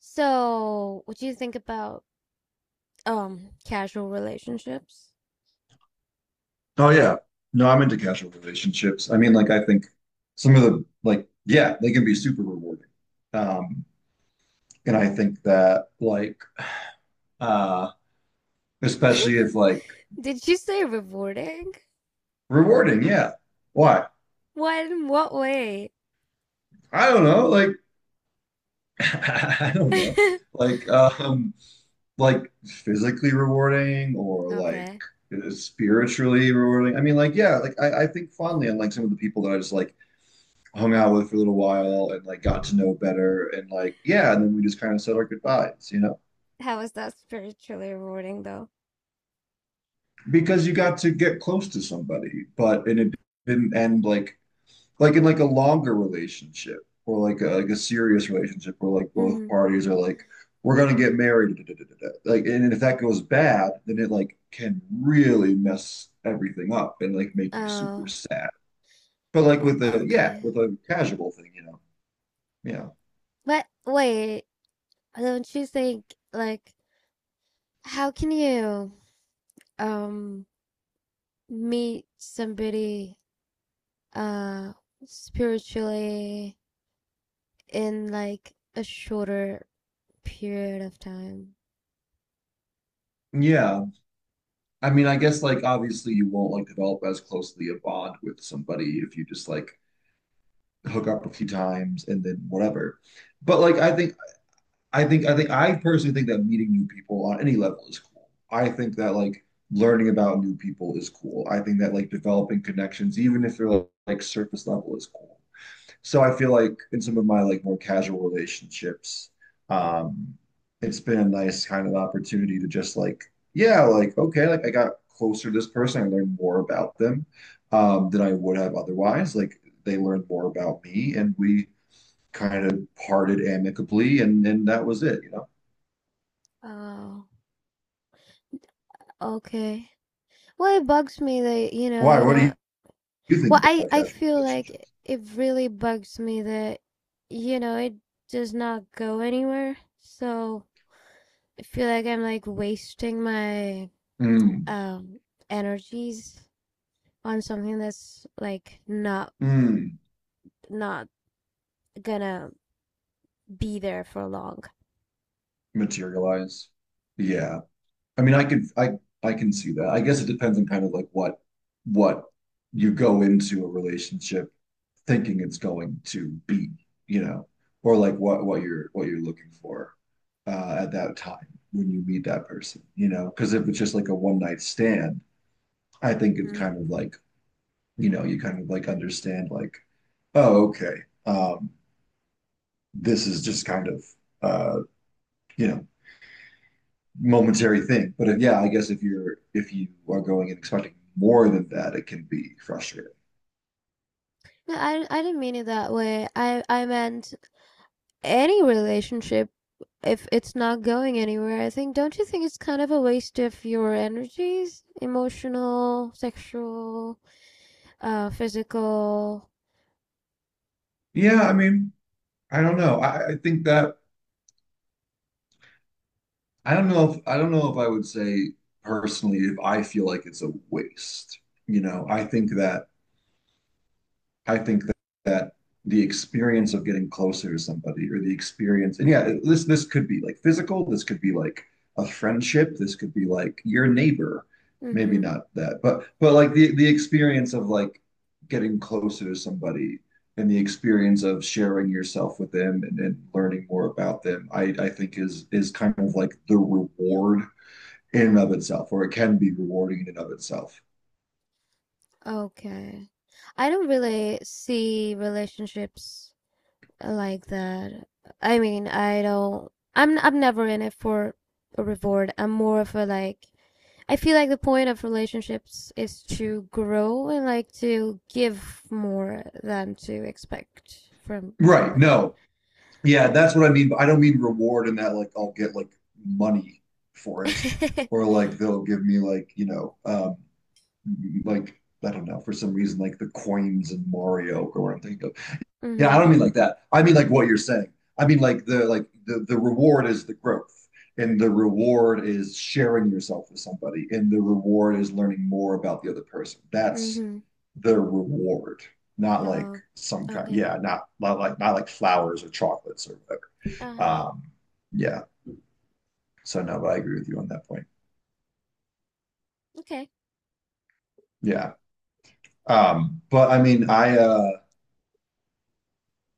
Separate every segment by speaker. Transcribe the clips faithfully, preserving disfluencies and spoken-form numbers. Speaker 1: So, what do you think about um casual relationships?
Speaker 2: Oh yeah. No, I'm into casual relationships. I mean, like I think some of the like yeah, they can be super rewarding. Um, and I think that like uh especially if like
Speaker 1: Did you say rewarding?
Speaker 2: rewarding, yeah. Why?
Speaker 1: What in what way?
Speaker 2: I don't know, like I don't know. Like um like physically rewarding or like
Speaker 1: Okay.
Speaker 2: spiritually rewarding. I mean, like yeah, like I, I think fondly on like some of the people that I just like hung out with for a little while and like got to know better and like yeah and then we just kind of said our goodbyes, you know,
Speaker 1: How is that spiritually rewarding though?
Speaker 2: because you got to get close to somebody but and it didn't end like like in like a longer relationship or like a, like a serious relationship where like both
Speaker 1: Mm-hmm.
Speaker 2: parties are like we're gonna get married da, da, da, da, da. Like and if that goes bad then it like can really mess everything up and like make you super
Speaker 1: Oh,
Speaker 2: sad but like with the yeah
Speaker 1: okay.
Speaker 2: with a casual thing, you know. Yeah,
Speaker 1: But wait, don't you think, like, how can you um meet somebody uh spiritually in like a shorter period of time?
Speaker 2: yeah, I mean, I guess like obviously you won't like develop as closely a bond with somebody if you just like hook up a few times and then whatever. But like I think I think I think I personally think that meeting new people on any level is cool. I think that like learning about new people is cool. I think that like developing connections, even if they're like, like surface level, is cool. So I feel like in some of my like more casual relationships, um, it's been a nice kind of opportunity to just like, yeah, like okay, like I got closer to this person, I learned more about them um, than I would have otherwise. Like they learned more about me, and we kind of parted amicably, and and that was it, you know.
Speaker 1: Oh, okay. Well, it bugs me that, you know,
Speaker 2: Why?
Speaker 1: you
Speaker 2: What do
Speaker 1: know.
Speaker 2: you, you think
Speaker 1: Well, I
Speaker 2: about
Speaker 1: I
Speaker 2: casual
Speaker 1: feel like
Speaker 2: relationships?
Speaker 1: it really bugs me that, you know, it does not go anywhere. So, I feel like I'm like wasting my
Speaker 2: Mm,
Speaker 1: um energies on something that's like not
Speaker 2: mm,
Speaker 1: not gonna be there for long.
Speaker 2: materialize. Yeah. I mean, I could, I, I can see that. I guess it depends on kind of like what, what you go into a relationship thinking it's going to be, you know, or like what, what you're, what you're looking for uh, at that time when you meet that person, you know, because if it's just like a one night stand, I think it's
Speaker 1: Mhm.
Speaker 2: kind of like, you know, you kind of like understand like, oh, okay, um, this is just kind of, uh, you know, momentary thing. But if, yeah, I guess if you're if you are going and expecting more than that, it can be frustrating.
Speaker 1: No, I I didn't mean it that way. I I meant any relationship if it's not going anywhere. I think, don't you think it's kind of a waste of your energies, emotional, sexual, uh, physical.
Speaker 2: Yeah, I mean, I don't know. I, I think that I don't know if I don't know if I would say personally if I feel like it's a waste. You know, I think that I think that, that the experience of getting closer to somebody or the experience, and yeah, this this could be like physical, this could be like a friendship, this could be like your neighbor, maybe
Speaker 1: Mm-hmm.
Speaker 2: not that, but but like the the experience of like getting closer to somebody and the experience of sharing yourself with them and, and learning more about them, I, I think is is kind of like the reward in and of itself, or it can be rewarding in and of itself.
Speaker 1: Okay. I don't really see relationships like that. I mean, I don't. I'm I'm never in it for a reward. I'm more of a like. I feel like the point of relationships is to grow and like to give more than to expect from
Speaker 2: Right.
Speaker 1: somebody.
Speaker 2: No, yeah, that's what I mean. But I don't mean reward in that like I'll get like money for it
Speaker 1: Mhm.
Speaker 2: or like they'll give me like, you know, um like I don't know, for some reason like the coins in Mario or what I'm thinking of. Yeah, I don't mean like that. I mean like what you're saying. I mean like the like the the reward is the growth and the reward is sharing yourself with somebody and the reward is learning more about the other person. That's
Speaker 1: Mhm.
Speaker 2: the reward, not like
Speaker 1: Oh.
Speaker 2: some kind,
Speaker 1: Okay.
Speaker 2: yeah, not not like not like flowers or chocolates or
Speaker 1: Uh huh.
Speaker 2: um, yeah. So no, but I agree with you on that point.
Speaker 1: Okay.
Speaker 2: Yeah. Um, but I mean, I uh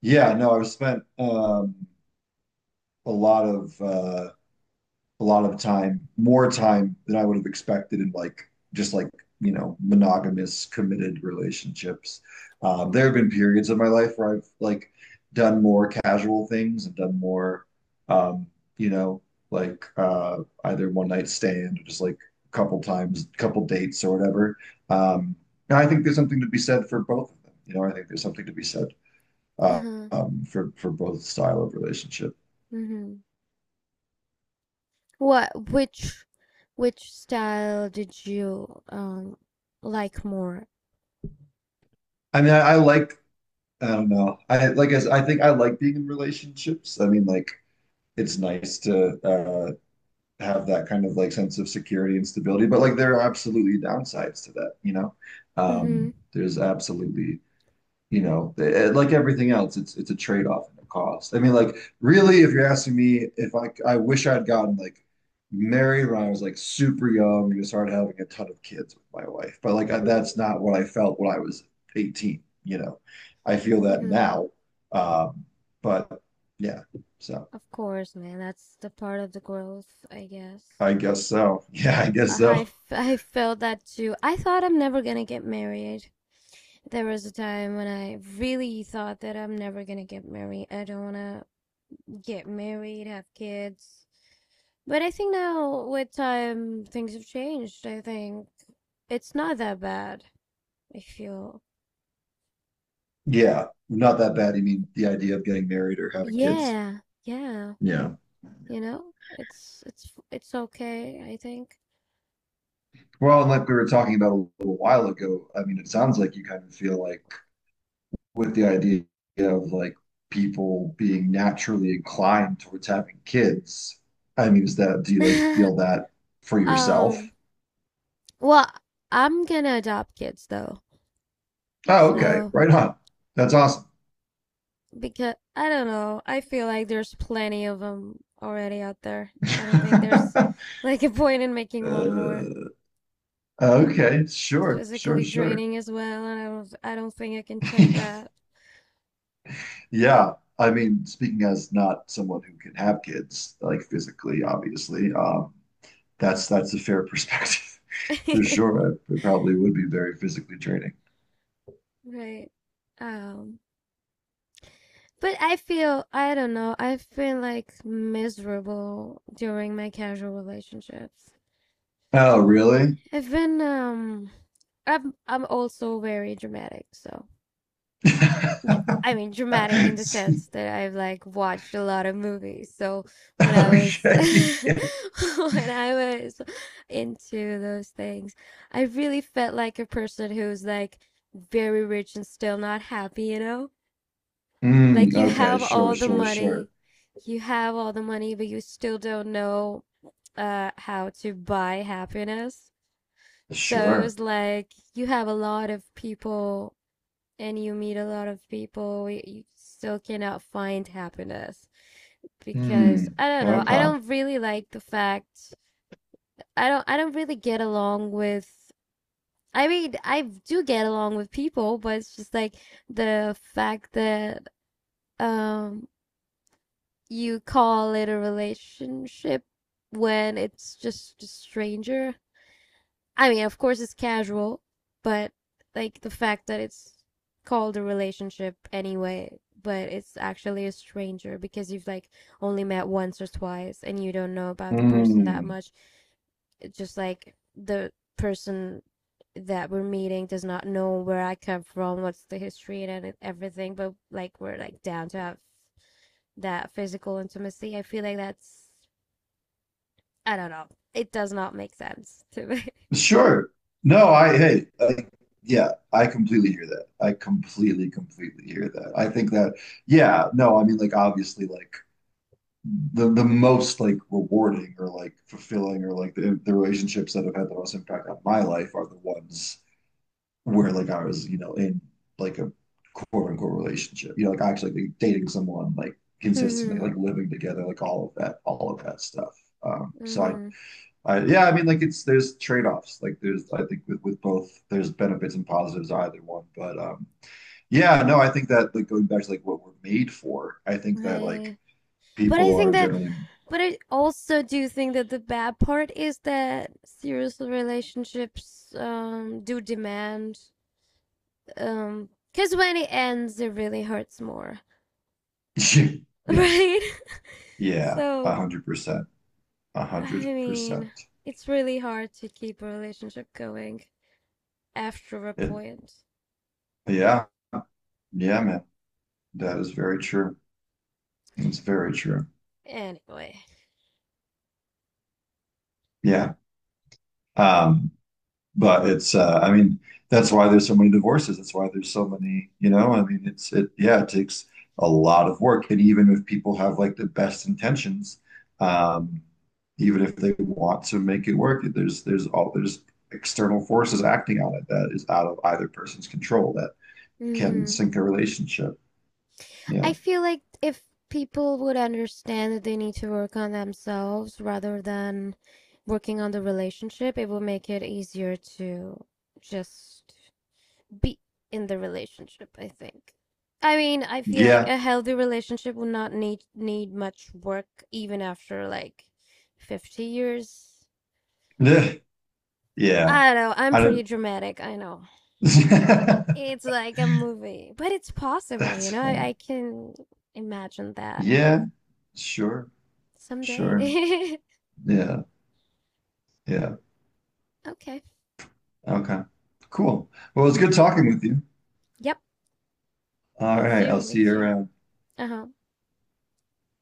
Speaker 2: yeah, no, I've spent um a lot of uh a lot of the time, more time than I would have expected in like just like, you know, monogamous committed relationships. Um, there have been periods of my life where I've like done more casual things and done more, um, you know, like uh, either one night stand or just like a couple times, couple dates or whatever. Um, and I think there's something to be said for both of them. You know, I think there's something to be said
Speaker 1: Uh
Speaker 2: uh,
Speaker 1: huh.
Speaker 2: um, for for both style of relationship.
Speaker 1: Mhm. What? Which? Which style did you um like more?
Speaker 2: I mean, I, I like I don't know. I like as I think I like being in relationships. I mean, like it's nice to uh have that kind of like sense of security and stability, but like there are absolutely downsides to that, you know? Um,
Speaker 1: Mhm.
Speaker 2: there's absolutely, you know, eh, eh, like everything else, it's it's a trade-off and a cost. I mean, like really, if you're asking me if I I wish I'd gotten like married when I was like super young and just started having a ton of kids with my wife, but like I, that's not what I felt when I was eighteen. You know, I feel that
Speaker 1: Mhm.
Speaker 2: now, um, but yeah, so
Speaker 1: Of course, man. That's the part of the growth, I guess.
Speaker 2: I guess so. Yeah, I guess
Speaker 1: I,
Speaker 2: so.
Speaker 1: f- I felt that too. I thought I'm never gonna get married. There was a time when I really thought that I'm never gonna get married. I don't wanna get married, have kids. But I think now, with time, things have changed. I think it's not that bad. I feel.
Speaker 2: Yeah, not that bad. You mean the idea of getting married or having kids?
Speaker 1: Yeah, yeah.
Speaker 2: Yeah. Yeah.
Speaker 1: You know, it's it's it's okay, I think.
Speaker 2: Well, and like we were talking about a little while ago, I mean, it sounds like you kind of feel like with the idea of like people being naturally inclined towards having kids. I mean, is that, do you like feel that for
Speaker 1: um
Speaker 2: yourself?
Speaker 1: Well, I'm gonna adopt kids though.
Speaker 2: Oh, okay.
Speaker 1: So,
Speaker 2: Right on. That's awesome.
Speaker 1: because I don't know, I feel like there's plenty of them already out there. I don't think there's like a point in making one more.
Speaker 2: Uh, okay,
Speaker 1: It's
Speaker 2: sure, sure,
Speaker 1: physically
Speaker 2: sure.
Speaker 1: draining as well, and I don't I don't think I can take that.
Speaker 2: Yeah. I mean, speaking as not someone who can have kids, like physically, obviously, um, that's that's a fair perspective for sure. It probably would be very physically draining.
Speaker 1: Right. Um, but I feel, I don't know, I have been like miserable during my casual relationships.
Speaker 2: Oh, really?
Speaker 1: I've been um I'm I'm also very dramatic, so dr- I mean, dramatic in the sense that I've like watched a lot of movies. So when I was
Speaker 2: Okay. Yeah.
Speaker 1: when I was into those things, I really felt like a person who's like very rich and still not happy, you know? Like
Speaker 2: Mm,
Speaker 1: you
Speaker 2: okay,
Speaker 1: have all
Speaker 2: sure,
Speaker 1: the
Speaker 2: sure, sure.
Speaker 1: money, you have all the money, but you still don't know uh how to buy happiness. So it
Speaker 2: Sure.
Speaker 1: was like you have a lot of people and you meet a lot of people, you still cannot find happiness because
Speaker 2: Mm,
Speaker 1: I don't know. I
Speaker 2: okay.
Speaker 1: don't really like the fact I don't I don't really get along with I mean, I do get along with people, but it's just like the fact that um you call it a relationship when it's just a stranger. I mean, of course it's casual, but like the fact that it's called a relationship anyway, but it's actually a stranger because you've like only met once or twice and you don't know about the person that
Speaker 2: Mm,
Speaker 1: much. It's just like the person that we're meeting does not know where I come from, what's the history and e-, everything, but like we're like down to have that physical intimacy. I feel like that's, I don't know. It does not make sense to me.
Speaker 2: sure. No, I, hey, like, yeah, I completely hear that. I completely, completely hear that. I think that, yeah, no, I mean, like, obviously, like, the the most like rewarding or like fulfilling or like the, the relationships that have had the most impact on my life are the ones where like I was, you know, in like a quote unquote relationship. You know, like actually like, dating someone, like consistently,
Speaker 1: Hmm.
Speaker 2: like living together, like all of that, all of that stuff. Um, so I,
Speaker 1: Hmm.
Speaker 2: I yeah, I mean like it's there's trade-offs. Like there's I think with, with both there's benefits and positives either one. But um yeah, no, I think that like going back to like what we're made for, I think that
Speaker 1: Right.
Speaker 2: like
Speaker 1: But I
Speaker 2: people
Speaker 1: think
Speaker 2: are
Speaker 1: that,
Speaker 2: generally
Speaker 1: but I also do think that the bad part is that serious relationships um do demand, um because when it ends, it really hurts more,
Speaker 2: Yes.
Speaker 1: right?
Speaker 2: Yeah. A
Speaker 1: So,
Speaker 2: hundred percent. A
Speaker 1: I
Speaker 2: hundred percent.
Speaker 1: mean, it's really hard to keep a relationship going after a
Speaker 2: It.
Speaker 1: point.
Speaker 2: Yeah. Yeah, man. That is very true. It's very true.
Speaker 1: Anyway.
Speaker 2: Yeah. Um, but it's uh I mean, that's why there's so many divorces. That's why there's so many, you know, I mean it's it yeah, it takes a lot of work. And even if people have like the best intentions, um, even if they want to make it work, there's there's all there's external forces acting on it that is out of either person's control. Can
Speaker 1: Mm-hmm.
Speaker 2: sink a relationship.
Speaker 1: I
Speaker 2: Yeah.
Speaker 1: feel like if people would understand that they need to work on themselves rather than working on the relationship, it will make it easier to just be in the relationship, I think. I mean, I feel like
Speaker 2: Yeah.
Speaker 1: a healthy relationship will not need need much work even after like fifty years.
Speaker 2: Ugh. Yeah.
Speaker 1: I don't know, I'm
Speaker 2: I
Speaker 1: pretty
Speaker 2: don't.
Speaker 1: dramatic, I know. It's like a movie, but it's possible, you
Speaker 2: That's
Speaker 1: know? I,
Speaker 2: funny.
Speaker 1: I can imagine that
Speaker 2: Yeah. Sure.
Speaker 1: someday.
Speaker 2: Sure. Yeah. Yeah.
Speaker 1: Okay.
Speaker 2: Okay. Cool. Well, it's good talking with you.
Speaker 1: Yep.
Speaker 2: All
Speaker 1: Me
Speaker 2: right.
Speaker 1: too.
Speaker 2: I'll
Speaker 1: Me
Speaker 2: see you
Speaker 1: too.
Speaker 2: around.
Speaker 1: Uh huh.